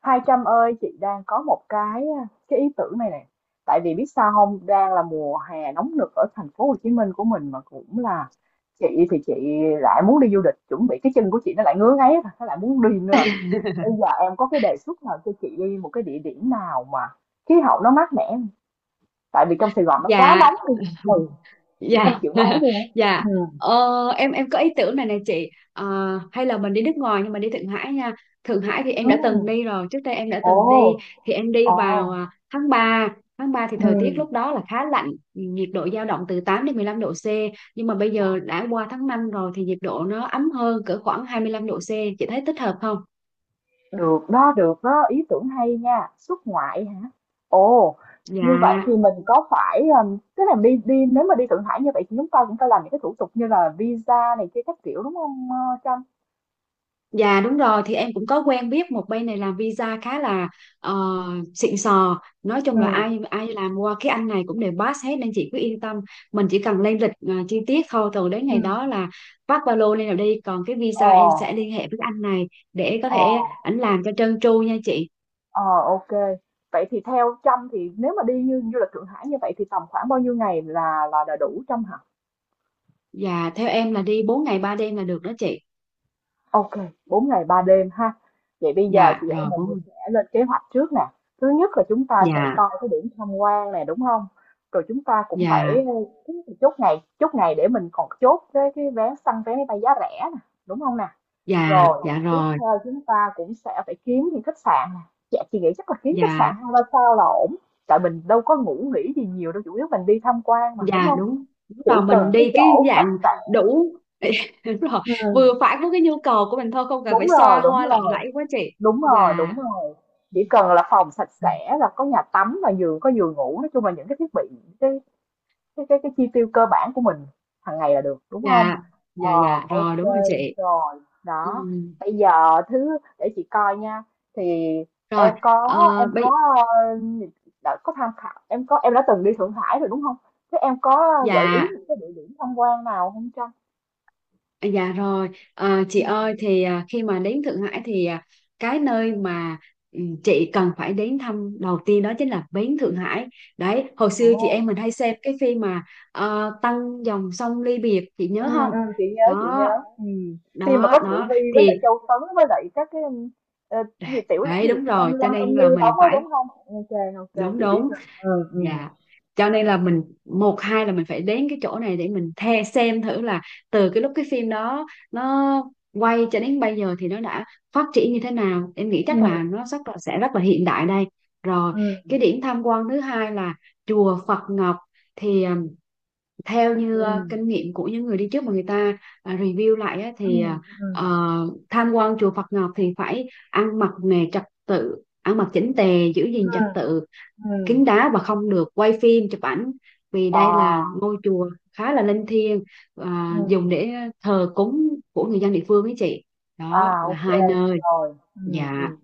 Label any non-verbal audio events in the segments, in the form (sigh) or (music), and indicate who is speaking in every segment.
Speaker 1: Hai Trâm ơi, chị đang có một cái ý tưởng này nè. Tại vì biết sao không, đang là mùa hè nóng nực ở thành phố Hồ Chí Minh của mình mà cũng là chị chị lại muốn đi du lịch, chuẩn bị cái chân của chị nó lại ngứa ngáy rồi, nó lại muốn đi nữa rồi. Bây giờ em có cái đề xuất nào cho chị đi một cái địa điểm nào mà khí hậu nó mát mẻ không? Tại vì trong Sài Gòn nó quá
Speaker 2: Dạ,
Speaker 1: nóng đi. Ừ, chị không
Speaker 2: dạ,
Speaker 1: chịu nổi
Speaker 2: (laughs)
Speaker 1: luôn á.
Speaker 2: dạ,
Speaker 1: Ừ.
Speaker 2: ờ, em có ý tưởng này nè chị. Ờ, hay là mình đi nước ngoài nhưng mà đi Thượng Hải nha. Thượng Hải thì em
Speaker 1: Ừ.
Speaker 2: đã từng đi rồi, trước đây em đã từng đi,
Speaker 1: Ồ,
Speaker 2: thì em đi
Speaker 1: ồ.
Speaker 2: vào tháng 3. Tháng 3 thì
Speaker 1: Ừ.
Speaker 2: thời tiết lúc đó là khá lạnh, nhiệt độ dao động từ 8 đến 15 độ C. Nhưng mà bây giờ đã qua tháng 5 rồi thì nhiệt độ nó ấm hơn cỡ khoảng 25 độ C. Chị thấy thích hợp không?
Speaker 1: Được đó, ý tưởng hay nha. Xuất ngoại hả? Ồ, như vậy thì
Speaker 2: Dạ.
Speaker 1: mình có phải, tức là đi đi nếu mà đi Thượng Hải như vậy thì chúng ta cũng phải làm những cái thủ tục như là visa này kia các kiểu, đúng không Trâm?
Speaker 2: Dạ đúng rồi, thì em cũng có quen biết một bên này làm visa khá là ờ, xịn sò, nói chung là
Speaker 1: Ừ,
Speaker 2: ai ai làm qua cái anh này cũng đều pass hết nên chị cứ yên tâm. Mình chỉ cần lên lịch chi tiết thôi, rồi đến
Speaker 1: ừ,
Speaker 2: ngày đó là vác ba lô lên rồi đi. Còn cái
Speaker 1: ờ,
Speaker 2: visa em sẽ liên hệ với cái anh này để có
Speaker 1: ờ,
Speaker 2: thể ảnh làm cho trơn tru nha chị.
Speaker 1: ờ, ok. Vậy thì theo Trâm thì nếu mà đi như du lịch Thượng Hải như vậy thì tầm khoảng bao nhiêu ngày là đủ Trâm hả?
Speaker 2: Dạ, theo em là đi 4 ngày 3 đêm là được đó chị.
Speaker 1: Ok, 4 ngày 3 đêm ha. Vậy bây giờ
Speaker 2: Dạ
Speaker 1: chị em
Speaker 2: rồi.
Speaker 1: mình
Speaker 2: 4.
Speaker 1: sẽ lên kế hoạch trước nè. Thứ nhất là chúng ta sẽ
Speaker 2: Dạ,
Speaker 1: coi cái điểm tham quan này đúng không? Rồi chúng ta cũng
Speaker 2: dạ,
Speaker 1: phải chốt ngày để mình còn chốt cái vé săn vé máy bay giá rẻ nè, đúng không nè?
Speaker 2: dạ,
Speaker 1: Rồi,
Speaker 2: dạ
Speaker 1: tiếp
Speaker 2: rồi.
Speaker 1: theo chúng ta cũng sẽ phải kiếm những khách sạn nè. Dạ, chị nghĩ chắc là kiếm khách
Speaker 2: Dạ,
Speaker 1: sạn hai ba sao là ổn. Tại mình đâu có ngủ nghỉ gì nhiều đâu, chủ yếu mình đi tham quan mà, đúng
Speaker 2: dạ.
Speaker 1: không?
Speaker 2: Đúng, đúng
Speaker 1: Chỉ
Speaker 2: rồi, mình
Speaker 1: cần cái
Speaker 2: đi cái
Speaker 1: chỗ
Speaker 2: dạng
Speaker 1: sạch sẽ.
Speaker 2: đủ. (laughs) Đúng rồi,
Speaker 1: Ừ,
Speaker 2: vừa phải với cái nhu cầu của mình thôi, không cần phải
Speaker 1: đúng rồi,
Speaker 2: xoa
Speaker 1: đúng
Speaker 2: hoa lộng
Speaker 1: rồi.
Speaker 2: lẫy quá chị.
Speaker 1: Đúng rồi,
Speaker 2: Dạ.
Speaker 1: đúng rồi. Chỉ cần là phòng sạch sẽ là có nhà tắm và giường có giường ngủ, nói chung là những cái thiết bị cái cái chi tiêu cơ bản của mình hàng ngày là được, đúng không?
Speaker 2: Dạ,
Speaker 1: Ờ,
Speaker 2: dạ, dạ rồi,
Speaker 1: ok
Speaker 2: đúng rồi chị.
Speaker 1: rồi.
Speaker 2: Ừ.
Speaker 1: Đó. Bây giờ thứ để chị coi nha. Thì
Speaker 2: Rồi.
Speaker 1: em có
Speaker 2: Ờ,
Speaker 1: em
Speaker 2: bây
Speaker 1: có ờ, đã có tham khảo, em có em đã từng đi Thượng Hải rồi đúng không? Thế em có gợi ý
Speaker 2: Dạ.
Speaker 1: những cái địa điểm tham quan nào không Trang?
Speaker 2: À, dạ rồi, chị
Speaker 1: Ừ.
Speaker 2: ơi thì khi mà đến Thượng Hải thì, cái nơi mà, chị cần phải đến thăm đầu tiên đó chính là bến Thượng Hải. Đấy, hồi
Speaker 1: Ồ.
Speaker 2: xưa chị em mình hay xem cái phim mà Tăng dòng sông ly biệt, chị
Speaker 1: Ừ,
Speaker 2: nhớ không?
Speaker 1: ừ, chị nhớ chị
Speaker 2: Đó,
Speaker 1: nhớ ừ. Khi mà
Speaker 2: đó,
Speaker 1: có Triệu
Speaker 2: đó
Speaker 1: Vy với lại
Speaker 2: thì,
Speaker 1: Châu Tấn với lại các cái ờ, cái gì tiểu cái
Speaker 2: đấy
Speaker 1: gì
Speaker 2: đúng
Speaker 1: Tâm
Speaker 2: rồi, cho
Speaker 1: Lâm Tâm
Speaker 2: nên là
Speaker 1: Như
Speaker 2: mình
Speaker 1: đóng ấy
Speaker 2: phải.
Speaker 1: đúng không? Ok, ok
Speaker 2: Đúng,
Speaker 1: chị biết
Speaker 2: đúng.
Speaker 1: rồi. Ừ. ừ
Speaker 2: Dạ. Cho nên là mình một hai là mình phải đến cái chỗ này để mình xem thử là từ cái lúc cái phim đó nó quay cho đến bây giờ thì nó đã phát triển như thế nào. Em nghĩ chắc là nó rất là sẽ rất là hiện đại đây. Rồi,
Speaker 1: ừ
Speaker 2: cái điểm tham quan thứ hai là chùa Phật Ngọc, thì theo
Speaker 1: ừ
Speaker 2: như kinh nghiệm của những người đi trước mà người ta review lại á,
Speaker 1: ừ
Speaker 2: thì
Speaker 1: ừ
Speaker 2: tham quan chùa Phật Ngọc thì phải ăn mặc nè trật tự, ăn mặc chỉnh tề, giữ
Speaker 1: ừ
Speaker 2: gìn trật tự,
Speaker 1: ừ ừ
Speaker 2: kín đáo và không được quay phim chụp ảnh, vì đây là
Speaker 1: à,
Speaker 2: ngôi chùa khá là linh thiêng
Speaker 1: ừ,
Speaker 2: dùng để thờ cúng của người dân địa phương ấy chị. Đó
Speaker 1: à,
Speaker 2: là
Speaker 1: ok
Speaker 2: hai nơi.
Speaker 1: rồi. Ừ
Speaker 2: Dạ
Speaker 1: ừ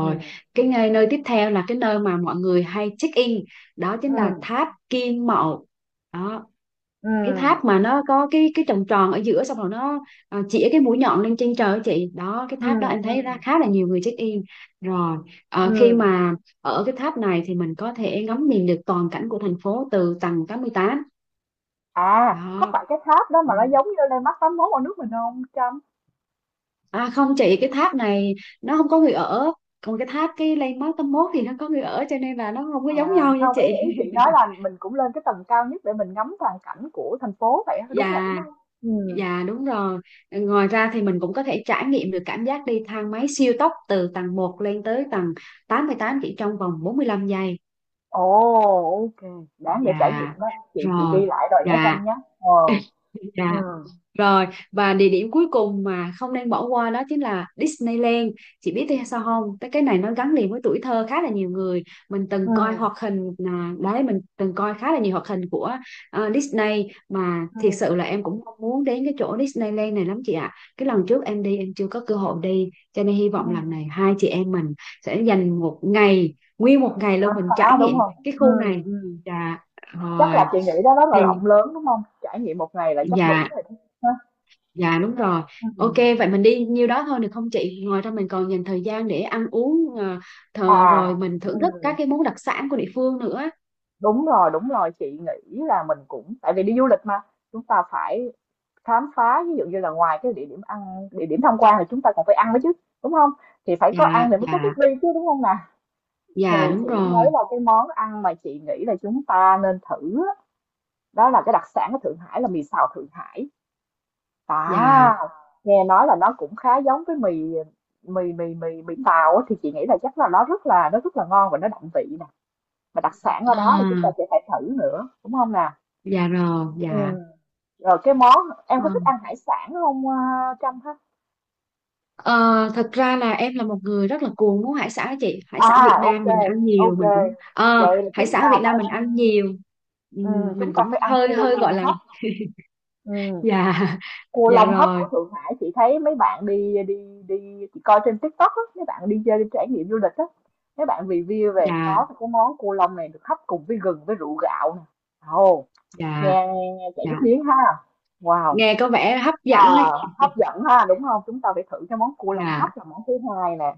Speaker 1: ừ
Speaker 2: nơi tiếp theo là cái nơi mà mọi người hay check in đó
Speaker 1: ừ
Speaker 2: chính là tháp Kim Mậu. Đó,
Speaker 1: ừ
Speaker 2: cái tháp mà nó có cái tròn tròn ở giữa, xong rồi nó chĩa cái mũi nhọn lên trên trời á chị. Đó cái
Speaker 1: ừ
Speaker 2: tháp đó em
Speaker 1: ừ
Speaker 2: thấy ra khá là nhiều người check in. Rồi,
Speaker 1: ừ.
Speaker 2: khi mà ở cái tháp này thì mình có thể ngắm nhìn được toàn cảnh của thành phố từ tầng 88.
Speaker 1: À, có
Speaker 2: Đó.
Speaker 1: phải cái tháp đó
Speaker 2: Ừ.
Speaker 1: mà nó giống như Landmark 81 ở nước mình không Trâm?
Speaker 2: À không chị, cái tháp này nó không có người ở, còn cái tháp, cái landmark 81 thì nó có người ở, cho nên là nó không có
Speaker 1: À,
Speaker 2: giống nhau nha
Speaker 1: không, ý
Speaker 2: chị.
Speaker 1: ý chị nói
Speaker 2: (laughs)
Speaker 1: là mình cũng lên cái tầng cao nhất để mình ngắm toàn cảnh của thành phố vậy á, đúng vậy đúng
Speaker 2: Dạ.
Speaker 1: không? Ừ.
Speaker 2: Dạ đúng rồi. Ngoài ra thì mình cũng có thể trải nghiệm được cảm giác đi thang máy siêu tốc từ tầng một lên tới tầng 88 chỉ trong vòng 45 giây.
Speaker 1: Ồ, ok, đáng để trải nghiệm
Speaker 2: Dạ.
Speaker 1: đó. Chị
Speaker 2: Rồi.
Speaker 1: ghi lại rồi nhé
Speaker 2: Dạ.
Speaker 1: Trâm nhé. Ờ.
Speaker 2: (laughs) Dạ.
Speaker 1: Ừ.
Speaker 2: Rồi, và địa điểm cuối cùng mà không nên bỏ qua đó chính là Disneyland. Chị biết tại sao không? Tại cái này nó gắn liền với tuổi thơ khá là nhiều người. Mình
Speaker 1: Ừ.
Speaker 2: từng coi hoạt hình, đấy mình từng coi khá là nhiều hoạt hình của Disney, mà
Speaker 1: Ừ.
Speaker 2: thiệt sự là em cũng mong muốn đến cái chỗ Disneyland này lắm chị ạ. Cái lần trước em đi em chưa có cơ hội đi, cho nên hy
Speaker 1: Ừ.
Speaker 2: vọng lần này hai chị em mình sẽ dành một ngày, nguyên một ngày luôn
Speaker 1: Khám
Speaker 2: mình
Speaker 1: phá
Speaker 2: trải
Speaker 1: đúng
Speaker 2: nghiệm
Speaker 1: không?
Speaker 2: cái khu
Speaker 1: Ừ.
Speaker 2: này.
Speaker 1: Ừ.
Speaker 2: Dạ,
Speaker 1: Chắc là
Speaker 2: rồi.
Speaker 1: chị nghĩ đó rất là
Speaker 2: Thì
Speaker 1: rộng lớn đúng không? Trải nghiệm một ngày là chắc đủ
Speaker 2: dạ.
Speaker 1: rồi đó. Ha?
Speaker 2: Dạ đúng rồi.
Speaker 1: Ừ.
Speaker 2: Ok, vậy mình đi nhiêu đó thôi được không chị? Ngoài ra mình còn dành thời gian để ăn uống,
Speaker 1: À,
Speaker 2: rồi mình thưởng
Speaker 1: ừ.
Speaker 2: thức các cái món đặc sản của địa phương nữa.
Speaker 1: Đúng rồi, chị nghĩ là mình cũng tại vì đi du lịch mà, chúng ta phải khám phá ví dụ như là ngoài cái địa điểm ăn địa điểm tham quan thì chúng ta còn phải ăn nữa chứ đúng không, thì phải có
Speaker 2: Dạ,
Speaker 1: ăn thì mới có
Speaker 2: dạ,
Speaker 1: bước đi chứ đúng không nè.
Speaker 2: dạ
Speaker 1: Thì
Speaker 2: đúng
Speaker 1: chị thấy
Speaker 2: rồi.
Speaker 1: là cái món ăn mà chị nghĩ là chúng ta nên thử á, đó là cái đặc sản của Thượng Hải là mì xào Thượng Hải,
Speaker 2: Dạ.
Speaker 1: à nghe nói là nó cũng khá giống với mì mì mì mì mì tàu á, thì chị nghĩ là chắc là nó rất là ngon và nó đậm vị nè, mà đặc sản ở đó thì
Speaker 2: À,
Speaker 1: chúng ta sẽ phải thử nữa đúng không nè.
Speaker 2: dạ rồi,
Speaker 1: Ừ.
Speaker 2: dạ.
Speaker 1: Rồi cái món, em
Speaker 2: Ờ,
Speaker 1: có thích ăn hải sản không Trâm?
Speaker 2: Ờ, Thật ra là em là một người rất là cuồng món hải sản á chị. Hải sản Việt
Speaker 1: À, ok,
Speaker 2: Nam mình ăn nhiều,
Speaker 1: ok.
Speaker 2: mình cũng.
Speaker 1: Vậy là
Speaker 2: Hải
Speaker 1: chúng ta
Speaker 2: sản Việt
Speaker 1: phải
Speaker 2: Nam mình ăn
Speaker 1: ăn,
Speaker 2: nhiều. Ừ,
Speaker 1: ừ, chúng
Speaker 2: mình
Speaker 1: ta phải
Speaker 2: cũng
Speaker 1: ăn
Speaker 2: hơi
Speaker 1: cua
Speaker 2: hơi gọi
Speaker 1: lông
Speaker 2: là.
Speaker 1: hấp. Ừ,
Speaker 2: Dạ. (laughs)
Speaker 1: cua
Speaker 2: Dạ
Speaker 1: lông hấp
Speaker 2: rồi.
Speaker 1: của Thượng Hải chị thấy mấy bạn đi đi đi chị coi trên TikTok á, mấy bạn đi chơi đi trải nghiệm du lịch á, mấy bạn review về nó
Speaker 2: Dạ,
Speaker 1: thì cái món cua lông này được hấp cùng với gừng với rượu gạo nè. Ồ,
Speaker 2: dạ,
Speaker 1: nghe, nghe chảy
Speaker 2: dạ,
Speaker 1: nước miếng ha. Wow.
Speaker 2: nghe có vẻ hấp dẫn
Speaker 1: Ờ,
Speaker 2: ấy.
Speaker 1: hấp dẫn ha, đúng không? Chúng ta phải thử cái món cua lông hấp
Speaker 2: Dạ,
Speaker 1: là món thứ hai nè.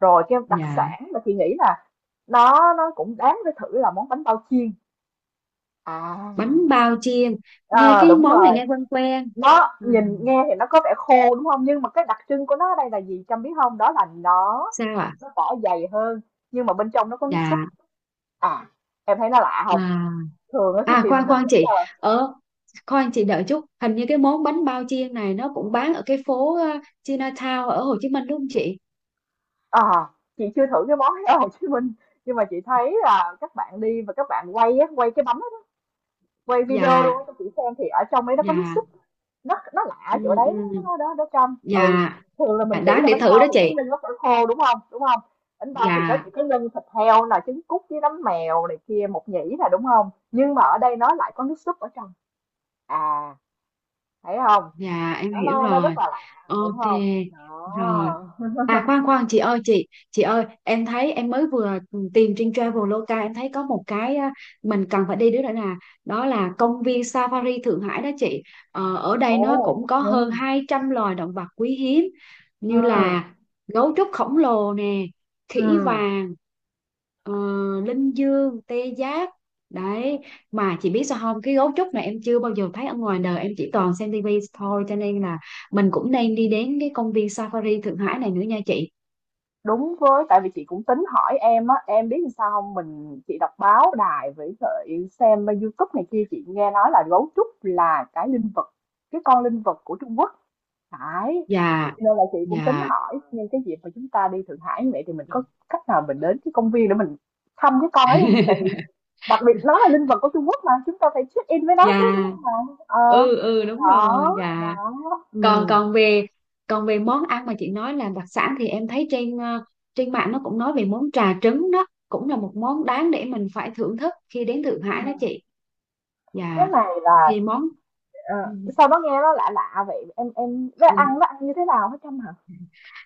Speaker 1: Rồi cái đặc
Speaker 2: dạ.
Speaker 1: sản mà chị nghĩ là nó cũng đáng phải thử là món bánh bao chiên.
Speaker 2: Bánh
Speaker 1: À.
Speaker 2: bao chiên, nghe
Speaker 1: À
Speaker 2: cái
Speaker 1: đúng
Speaker 2: món này
Speaker 1: rồi,
Speaker 2: nghe quen quen.
Speaker 1: nó
Speaker 2: à,
Speaker 1: nhìn nghe thì nó có vẻ khô, đúng không? Nhưng mà cái đặc trưng của nó ở đây là gì Trâm biết không? Đó là nó
Speaker 2: Sao ạ?
Speaker 1: nó vỏ dày hơn, nhưng mà bên trong nó có nước súp.
Speaker 2: Dạ.
Speaker 1: À. Em thấy nó lạ không?
Speaker 2: À,
Speaker 1: Thường á thì
Speaker 2: à,
Speaker 1: chị
Speaker 2: khoan
Speaker 1: mình
Speaker 2: khoan
Speaker 1: nghĩ
Speaker 2: chị,
Speaker 1: là,
Speaker 2: ở khoan chị đợi chút, hình như cái món bánh bao chiên này nó cũng bán ở cái phố Chinatown ở Hồ Chí Minh đúng không chị?
Speaker 1: à chị chưa thử cái món đó ở Hồ Chí Minh, nhưng mà chị thấy là các bạn đi và các bạn quay á, quay cái bánh quay video
Speaker 2: Dạ,
Speaker 1: luôn cho chị xem thì ở trong ấy nó có nước
Speaker 2: dạ.
Speaker 1: súp, nó lạ
Speaker 2: Ừ,
Speaker 1: chỗ đấy,
Speaker 2: ừ.
Speaker 1: nó trong. Ừ,
Speaker 2: Dạ,
Speaker 1: thường là
Speaker 2: dạ,
Speaker 1: mình nghĩ
Speaker 2: đáng
Speaker 1: là
Speaker 2: để
Speaker 1: bánh
Speaker 2: thử
Speaker 1: bao
Speaker 2: đó
Speaker 1: thì cứ
Speaker 2: chị.
Speaker 1: ninh nó phải khô đúng không, đúng không? Bánh bao thì nó chỉ
Speaker 2: Dạ,
Speaker 1: có nhân thịt heo là trứng cút với nấm mèo này kia một nhĩ là đúng không, nhưng mà ở đây nó lại có nước súp ở trong. À, thấy không,
Speaker 2: dạ, em
Speaker 1: nó
Speaker 2: hiểu
Speaker 1: nó nó
Speaker 2: rồi.
Speaker 1: rất là lạ đúng
Speaker 2: Ok
Speaker 1: không?
Speaker 2: rồi.
Speaker 1: Đó.
Speaker 2: À, khoan
Speaker 1: (laughs)
Speaker 2: khoan chị ơi, chị ơi em thấy em mới vừa tìm trên Traveloka, em thấy có một cái, mình cần phải đi đứa nữa, đó là công viên Safari Thượng Hải đó chị. Ở đây nó
Speaker 1: Ồ.
Speaker 2: cũng có
Speaker 1: Ừ.
Speaker 2: hơn 200 loài động vật quý hiếm,
Speaker 1: ừ
Speaker 2: như là gấu trúc khổng lồ nè,
Speaker 1: ừ
Speaker 2: khỉ vàng, ờ, linh dương, tê giác đấy. Mà chị biết sao không, cái gấu trúc này em chưa bao giờ thấy ở ngoài đời, em chỉ toàn xem tivi thôi, cho nên là mình cũng đang đi đến cái công viên Safari Thượng Hải này nữa nha chị.
Speaker 1: Đúng với tại vì chị cũng tính hỏi em á, em biết làm sao hông? Chị đọc báo đài với lại xem bên YouTube này kia, chị nghe nói là gấu trúc là cái linh vật, cái con linh vật của Trung Quốc, phải.
Speaker 2: Dạ,
Speaker 1: Cho nên là chị cũng tính
Speaker 2: dạ.
Speaker 1: hỏi nhưng cái dịp mà chúng ta đi Thượng Hải như vậy thì mình có cách nào mình đến cái công viên để mình thăm cái con ấy không? Tại vì
Speaker 2: (laughs)
Speaker 1: đặc biệt nó là linh vật của Trung Quốc mà, chúng ta phải check-in với nó chứ, đúng
Speaker 2: Dạ.
Speaker 1: không bạn? Ờ,
Speaker 2: Ừ, ừ đúng rồi.
Speaker 1: đó,
Speaker 2: Dạ,
Speaker 1: đó,
Speaker 2: còn
Speaker 1: ừm,
Speaker 2: còn về món ăn mà chị nói là đặc sản, thì em thấy trên trên mạng nó cũng nói về món trà trứng, đó cũng là một món đáng để mình phải thưởng thức khi đến Thượng Hải đó
Speaker 1: ừm,
Speaker 2: chị.
Speaker 1: cái
Speaker 2: Dạ.
Speaker 1: này là.
Speaker 2: Thì món. Ừ,
Speaker 1: Ờ, sao nó nghe nó lạ lạ vậy? Nó
Speaker 2: ừ.
Speaker 1: ăn như thế nào hả Trâm hả?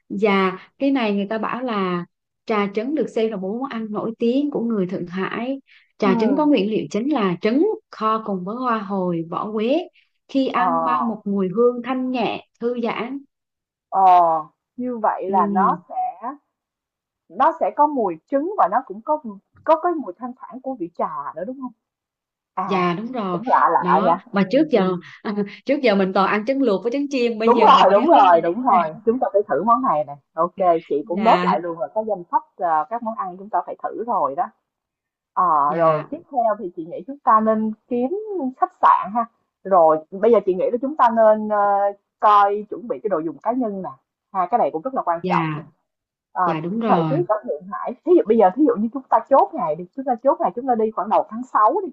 Speaker 2: Dạ, cái này người ta bảo là trà trứng được xem là một món ăn nổi tiếng của người Thượng Hải.
Speaker 1: Ừ.
Speaker 2: Trà trứng có nguyên liệu chính là trứng kho cùng với hoa hồi, vỏ quế. Khi
Speaker 1: Ờ,
Speaker 2: ăn mang một mùi hương thanh nhẹ, thư giãn.
Speaker 1: ờ, như vậy
Speaker 2: Ừ,
Speaker 1: là nó sẽ có mùi trứng và nó cũng có cái mùi thoang thoảng của vị trà nữa đúng không? À,
Speaker 2: dạ đúng rồi.
Speaker 1: cũng lạ lạ
Speaker 2: Đó,
Speaker 1: nha.
Speaker 2: mà
Speaker 1: Ừ.
Speaker 2: trước
Speaker 1: ừ.
Speaker 2: giờ (laughs) trước giờ mình toàn ăn trứng luộc với trứng chiên, bây
Speaker 1: Đúng
Speaker 2: giờ
Speaker 1: rồi,
Speaker 2: mình nghe
Speaker 1: đúng
Speaker 2: mới nghe
Speaker 1: rồi,
Speaker 2: đến
Speaker 1: đúng
Speaker 2: cái
Speaker 1: rồi.
Speaker 2: này.
Speaker 1: Chúng ta phải thử món này nè. Ok, chị cũng nốt lại
Speaker 2: Dạ,
Speaker 1: luôn rồi cái danh sách các món ăn chúng ta phải thử rồi đó. Ờ,
Speaker 2: dạ,
Speaker 1: rồi tiếp theo thì chị nghĩ chúng ta nên kiếm khách sạn ha. Rồi bây giờ chị nghĩ là chúng ta nên, coi chuẩn bị cái đồ dùng cá nhân nè. Ha, cái này cũng rất là quan trọng
Speaker 2: dạ,
Speaker 1: nè. Ờ,
Speaker 2: dạ đúng
Speaker 1: thời tiết
Speaker 2: rồi.
Speaker 1: ở Thượng Hải, thí dụ như chúng ta chốt ngày đi, chúng ta chốt ngày chúng ta đi khoảng đầu tháng 6 đi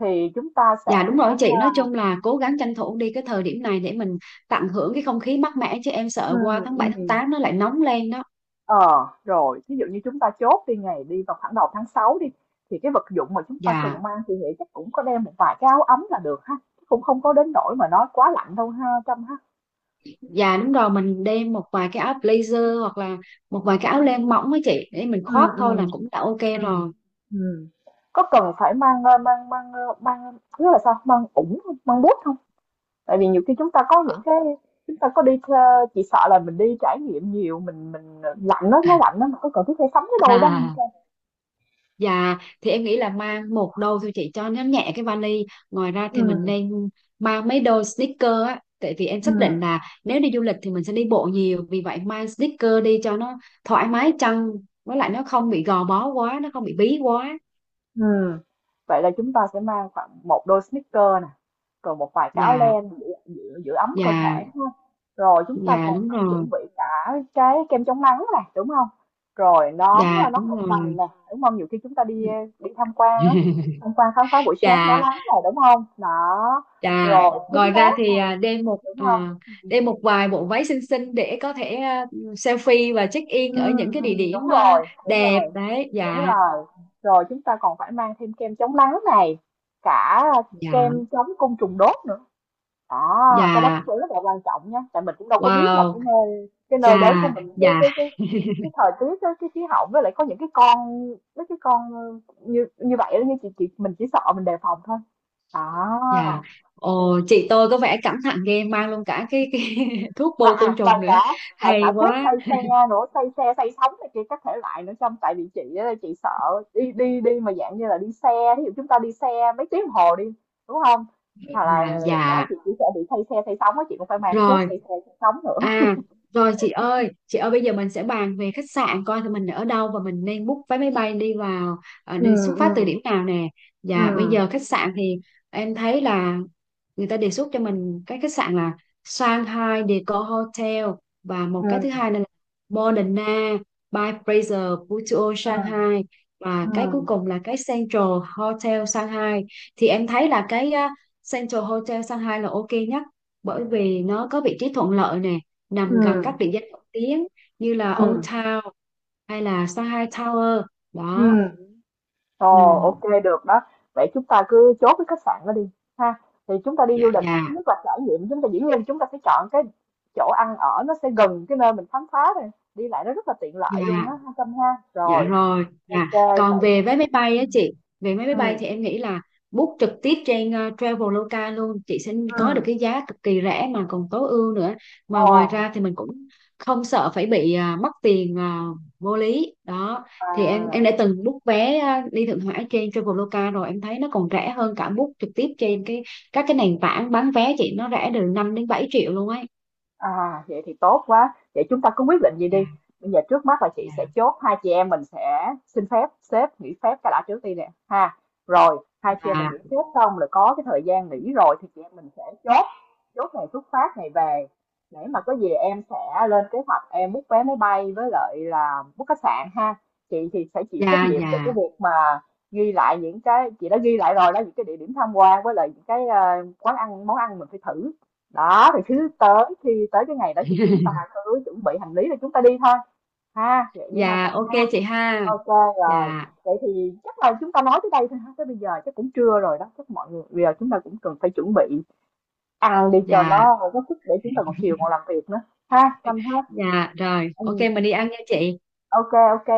Speaker 1: thì chúng ta
Speaker 2: Dạ
Speaker 1: sẽ.
Speaker 2: đúng rồi chị, nói chung là cố gắng tranh thủ đi cái thời điểm này để mình tận hưởng cái không khí mát mẻ chứ em
Speaker 1: Ừ.
Speaker 2: sợ qua tháng
Speaker 1: ừ.
Speaker 2: bảy tháng tám nó lại nóng lên đó.
Speaker 1: Ờ, rồi, ví dụ như chúng ta chốt đi ngày đi vào khoảng đầu tháng 6 đi thì cái vật dụng mà chúng ta
Speaker 2: Dạ.
Speaker 1: cần mang thì nghĩ chắc cũng có đem một vài cái áo ấm là được ha. Cũng không có đến nỗi mà nó quá lạnh đâu ha Trâm ha.
Speaker 2: Dạ đúng rồi, mình đem một vài cái áo blazer hoặc là một vài cái áo len mỏng với chị để mình
Speaker 1: Ừ
Speaker 2: khoác thôi
Speaker 1: ừ
Speaker 2: là cũng đã ok
Speaker 1: ừ
Speaker 2: rồi.
Speaker 1: Ừ. Có cần phải mang mang nghĩa là sao? Mang ủng không? Mang bút không? Tại vì nhiều khi chúng ta có những cái, chúng ta có đi, chỉ sợ là mình đi trải nghiệm nhiều mình lạnh, nó lạnh đó,
Speaker 2: (laughs)
Speaker 1: mà có cần thiết phải sắm cái đôi đó không?
Speaker 2: À. Dạ, thì em nghĩ là mang một đôi thôi chị cho nó nhẹ cái vali. Ngoài ra
Speaker 1: Ừ
Speaker 2: thì mình nên mang mấy đôi sneaker á. Tại vì em
Speaker 1: ừ.
Speaker 2: xác định là nếu đi du lịch thì mình sẽ đi bộ nhiều. Vì vậy mang sneaker đi cho nó thoải mái chân. Với lại nó không bị gò bó quá, nó không bị bí quá.
Speaker 1: Ừm, vậy là chúng ta sẽ mang khoảng một đôi sneaker nè, rồi một vài cái áo
Speaker 2: Dạ,
Speaker 1: len giữ ấm cơ
Speaker 2: dạ,
Speaker 1: thể đúng không? Rồi chúng ta
Speaker 2: dạ
Speaker 1: còn
Speaker 2: đúng
Speaker 1: phải
Speaker 2: rồi.
Speaker 1: chuẩn bị cả cái kem chống nắng này đúng không? Rồi nón,
Speaker 2: Dạ,
Speaker 1: nón
Speaker 2: đúng
Speaker 1: rộng
Speaker 2: rồi.
Speaker 1: vành nè đúng không? Nhiều khi chúng ta đi đi tham quan á,
Speaker 2: (laughs)
Speaker 1: tham quan khám phá buổi sáng đó
Speaker 2: Dạ.
Speaker 1: nắng này đúng không? Đó.
Speaker 2: Dạ,
Speaker 1: Rồi kính
Speaker 2: ngoài ra
Speaker 1: mát
Speaker 2: thì
Speaker 1: này đúng không? Ừ.
Speaker 2: đem một vài bộ váy xinh xinh để có thể selfie và check in ở những cái địa
Speaker 1: Đúng
Speaker 2: điểm
Speaker 1: rồi, đúng
Speaker 2: đẹp
Speaker 1: rồi,
Speaker 2: đấy.
Speaker 1: đúng
Speaker 2: Dạ,
Speaker 1: rồi. Rồi chúng ta còn phải mang thêm kem chống nắng này, cả
Speaker 2: dạ,
Speaker 1: kem chống côn trùng đốt nữa. À, cái đó
Speaker 2: dạ,
Speaker 1: cũng rất là quan trọng nha, tại mình cũng đâu có biết là
Speaker 2: wow,
Speaker 1: cái
Speaker 2: dạ,
Speaker 1: nơi đến của mình
Speaker 2: dạ,
Speaker 1: cái thời tiết á, cái khí hậu với lại có những cái con, mấy cái con như như vậy đó, như chị mình chỉ sợ mình đề phòng thôi. À,
Speaker 2: dạ. Ồ, chị tôi có vẻ cẩn thận ghê, mang luôn cả cái (laughs) thuốc
Speaker 1: và
Speaker 2: bôi
Speaker 1: à,
Speaker 2: côn
Speaker 1: và
Speaker 2: trùng nữa.
Speaker 1: cả và
Speaker 2: Hay
Speaker 1: cả thuốc
Speaker 2: quá.
Speaker 1: xây xe nữa, xây xe xây sóng này kia các thể loại nữa trong tại vì chị á, chị sợ đi đi đi mà dạng như là đi xe, ví dụ chúng ta đi xe mấy tiếng đồng hồ đi đúng không, hoặc là
Speaker 2: Dạ,
Speaker 1: đó
Speaker 2: dạ.
Speaker 1: chị chỉ sẽ bị xây xe xây sóng á, chị cũng phải mang cái thuốc
Speaker 2: Rồi.
Speaker 1: xây xe xây sóng nữa.
Speaker 2: à Rồi chị ơi, chị ơi bây giờ mình sẽ bàn về khách sạn coi thì mình ở đâu và mình nên book vé máy bay đi vào,
Speaker 1: Ừ.
Speaker 2: đi xuất phát từ
Speaker 1: ừ
Speaker 2: điểm nào nè.
Speaker 1: ừ
Speaker 2: Và bây giờ khách sạn thì em thấy là người ta đề xuất cho mình cái khách sạn là Shanghai Decor Hotel, và một cái thứ
Speaker 1: ừ
Speaker 2: hai nữa là Moderna by Fraser Putuo Shanghai, và cái cuối
Speaker 1: ừ
Speaker 2: cùng là cái Central Hotel Shanghai. Thì em thấy là cái, Central Hotel Shanghai là ok nhất, bởi vì nó có vị trí thuận lợi nè,
Speaker 1: ừ
Speaker 2: nằm gần các địa danh nổi tiếng như là Old
Speaker 1: ừ
Speaker 2: Town hay là Shanghai Tower
Speaker 1: ừ
Speaker 2: đó. Ừ.
Speaker 1: Ồ, ok được đó. Vậy chúng ta cứ chốt cái khách sạn đó đi ha. Thì chúng ta đi du
Speaker 2: Dạ,
Speaker 1: lịch,
Speaker 2: dạ,
Speaker 1: thứ nhất là trải nghiệm, chúng ta dĩ nhiên chúng ta phải chọn cái chỗ ăn ở nó sẽ gần cái nơi mình khám phá này, đi lại nó rất là tiện lợi luôn á
Speaker 2: dạ.
Speaker 1: ha Tâm ha.
Speaker 2: Dạ
Speaker 1: Rồi,
Speaker 2: rồi, dạ.
Speaker 1: ok
Speaker 2: Còn
Speaker 1: vậy đi.
Speaker 2: về vé máy bay
Speaker 1: Ừ.
Speaker 2: á chị, về vé máy bay
Speaker 1: Ừ.
Speaker 2: thì em nghĩ là book trực tiếp trên Traveloka luôn, chị sẽ
Speaker 1: Ừ.
Speaker 2: có được cái giá cực kỳ rẻ mà còn tối ưu nữa. Mà
Speaker 1: Ồ,
Speaker 2: ngoài ra thì mình cũng không sợ phải bị mất tiền vô lý. Đó, thì em đã
Speaker 1: à.
Speaker 2: từng book vé đi Thượng Hải trên Traveloka rồi, em thấy nó còn rẻ hơn cả book trực tiếp trên các cái nền tảng bán vé chị, nó rẻ từ 5 đến 7 triệu luôn ấy.
Speaker 1: À, vậy thì tốt quá. Vậy chúng ta cứ quyết định gì đi.
Speaker 2: Dạ,
Speaker 1: Bây giờ trước mắt là chị sẽ
Speaker 2: dạ,
Speaker 1: chốt hai chị em mình sẽ xin phép sếp nghỉ phép cái đã trước đi nè ha. Rồi hai chị em mình
Speaker 2: dạ,
Speaker 1: nghỉ phép xong rồi có cái thời gian nghỉ rồi thì chị em mình sẽ chốt chốt ngày xuất phát ngày về để mà có gì em sẽ lên kế hoạch em book vé máy bay với lại là book khách sạn ha. Chị thì sẽ chịu trách
Speaker 2: dạ,
Speaker 1: nhiệm về cái
Speaker 2: dạ.
Speaker 1: việc mà ghi lại những cái chị đã ghi lại rồi đó những cái địa điểm tham quan với lại những cái, quán ăn món ăn mình phải thử đó, thì thứ tới khi tới cái ngày đó thì chúng ta
Speaker 2: (laughs)
Speaker 1: cứ chuẩn bị hành lý rồi chúng ta đi thôi ha, vậy đi hai
Speaker 2: Dạ,
Speaker 1: trăm
Speaker 2: ok
Speaker 1: ha.
Speaker 2: chị ha.
Speaker 1: Ok rồi,
Speaker 2: Dạ.
Speaker 1: vậy thì chắc là chúng ta nói tới đây thôi ha, tới bây giờ chắc cũng trưa rồi đó, chắc mọi người bây giờ chúng ta cũng cần phải chuẩn bị ăn đi cho
Speaker 2: Dạ,
Speaker 1: nó có sức để chúng ta còn chiều còn làm việc nữa ha Trâm hết.
Speaker 2: dạ rồi,
Speaker 1: Ừ,
Speaker 2: ok mình đi ăn nha chị
Speaker 1: ok ok.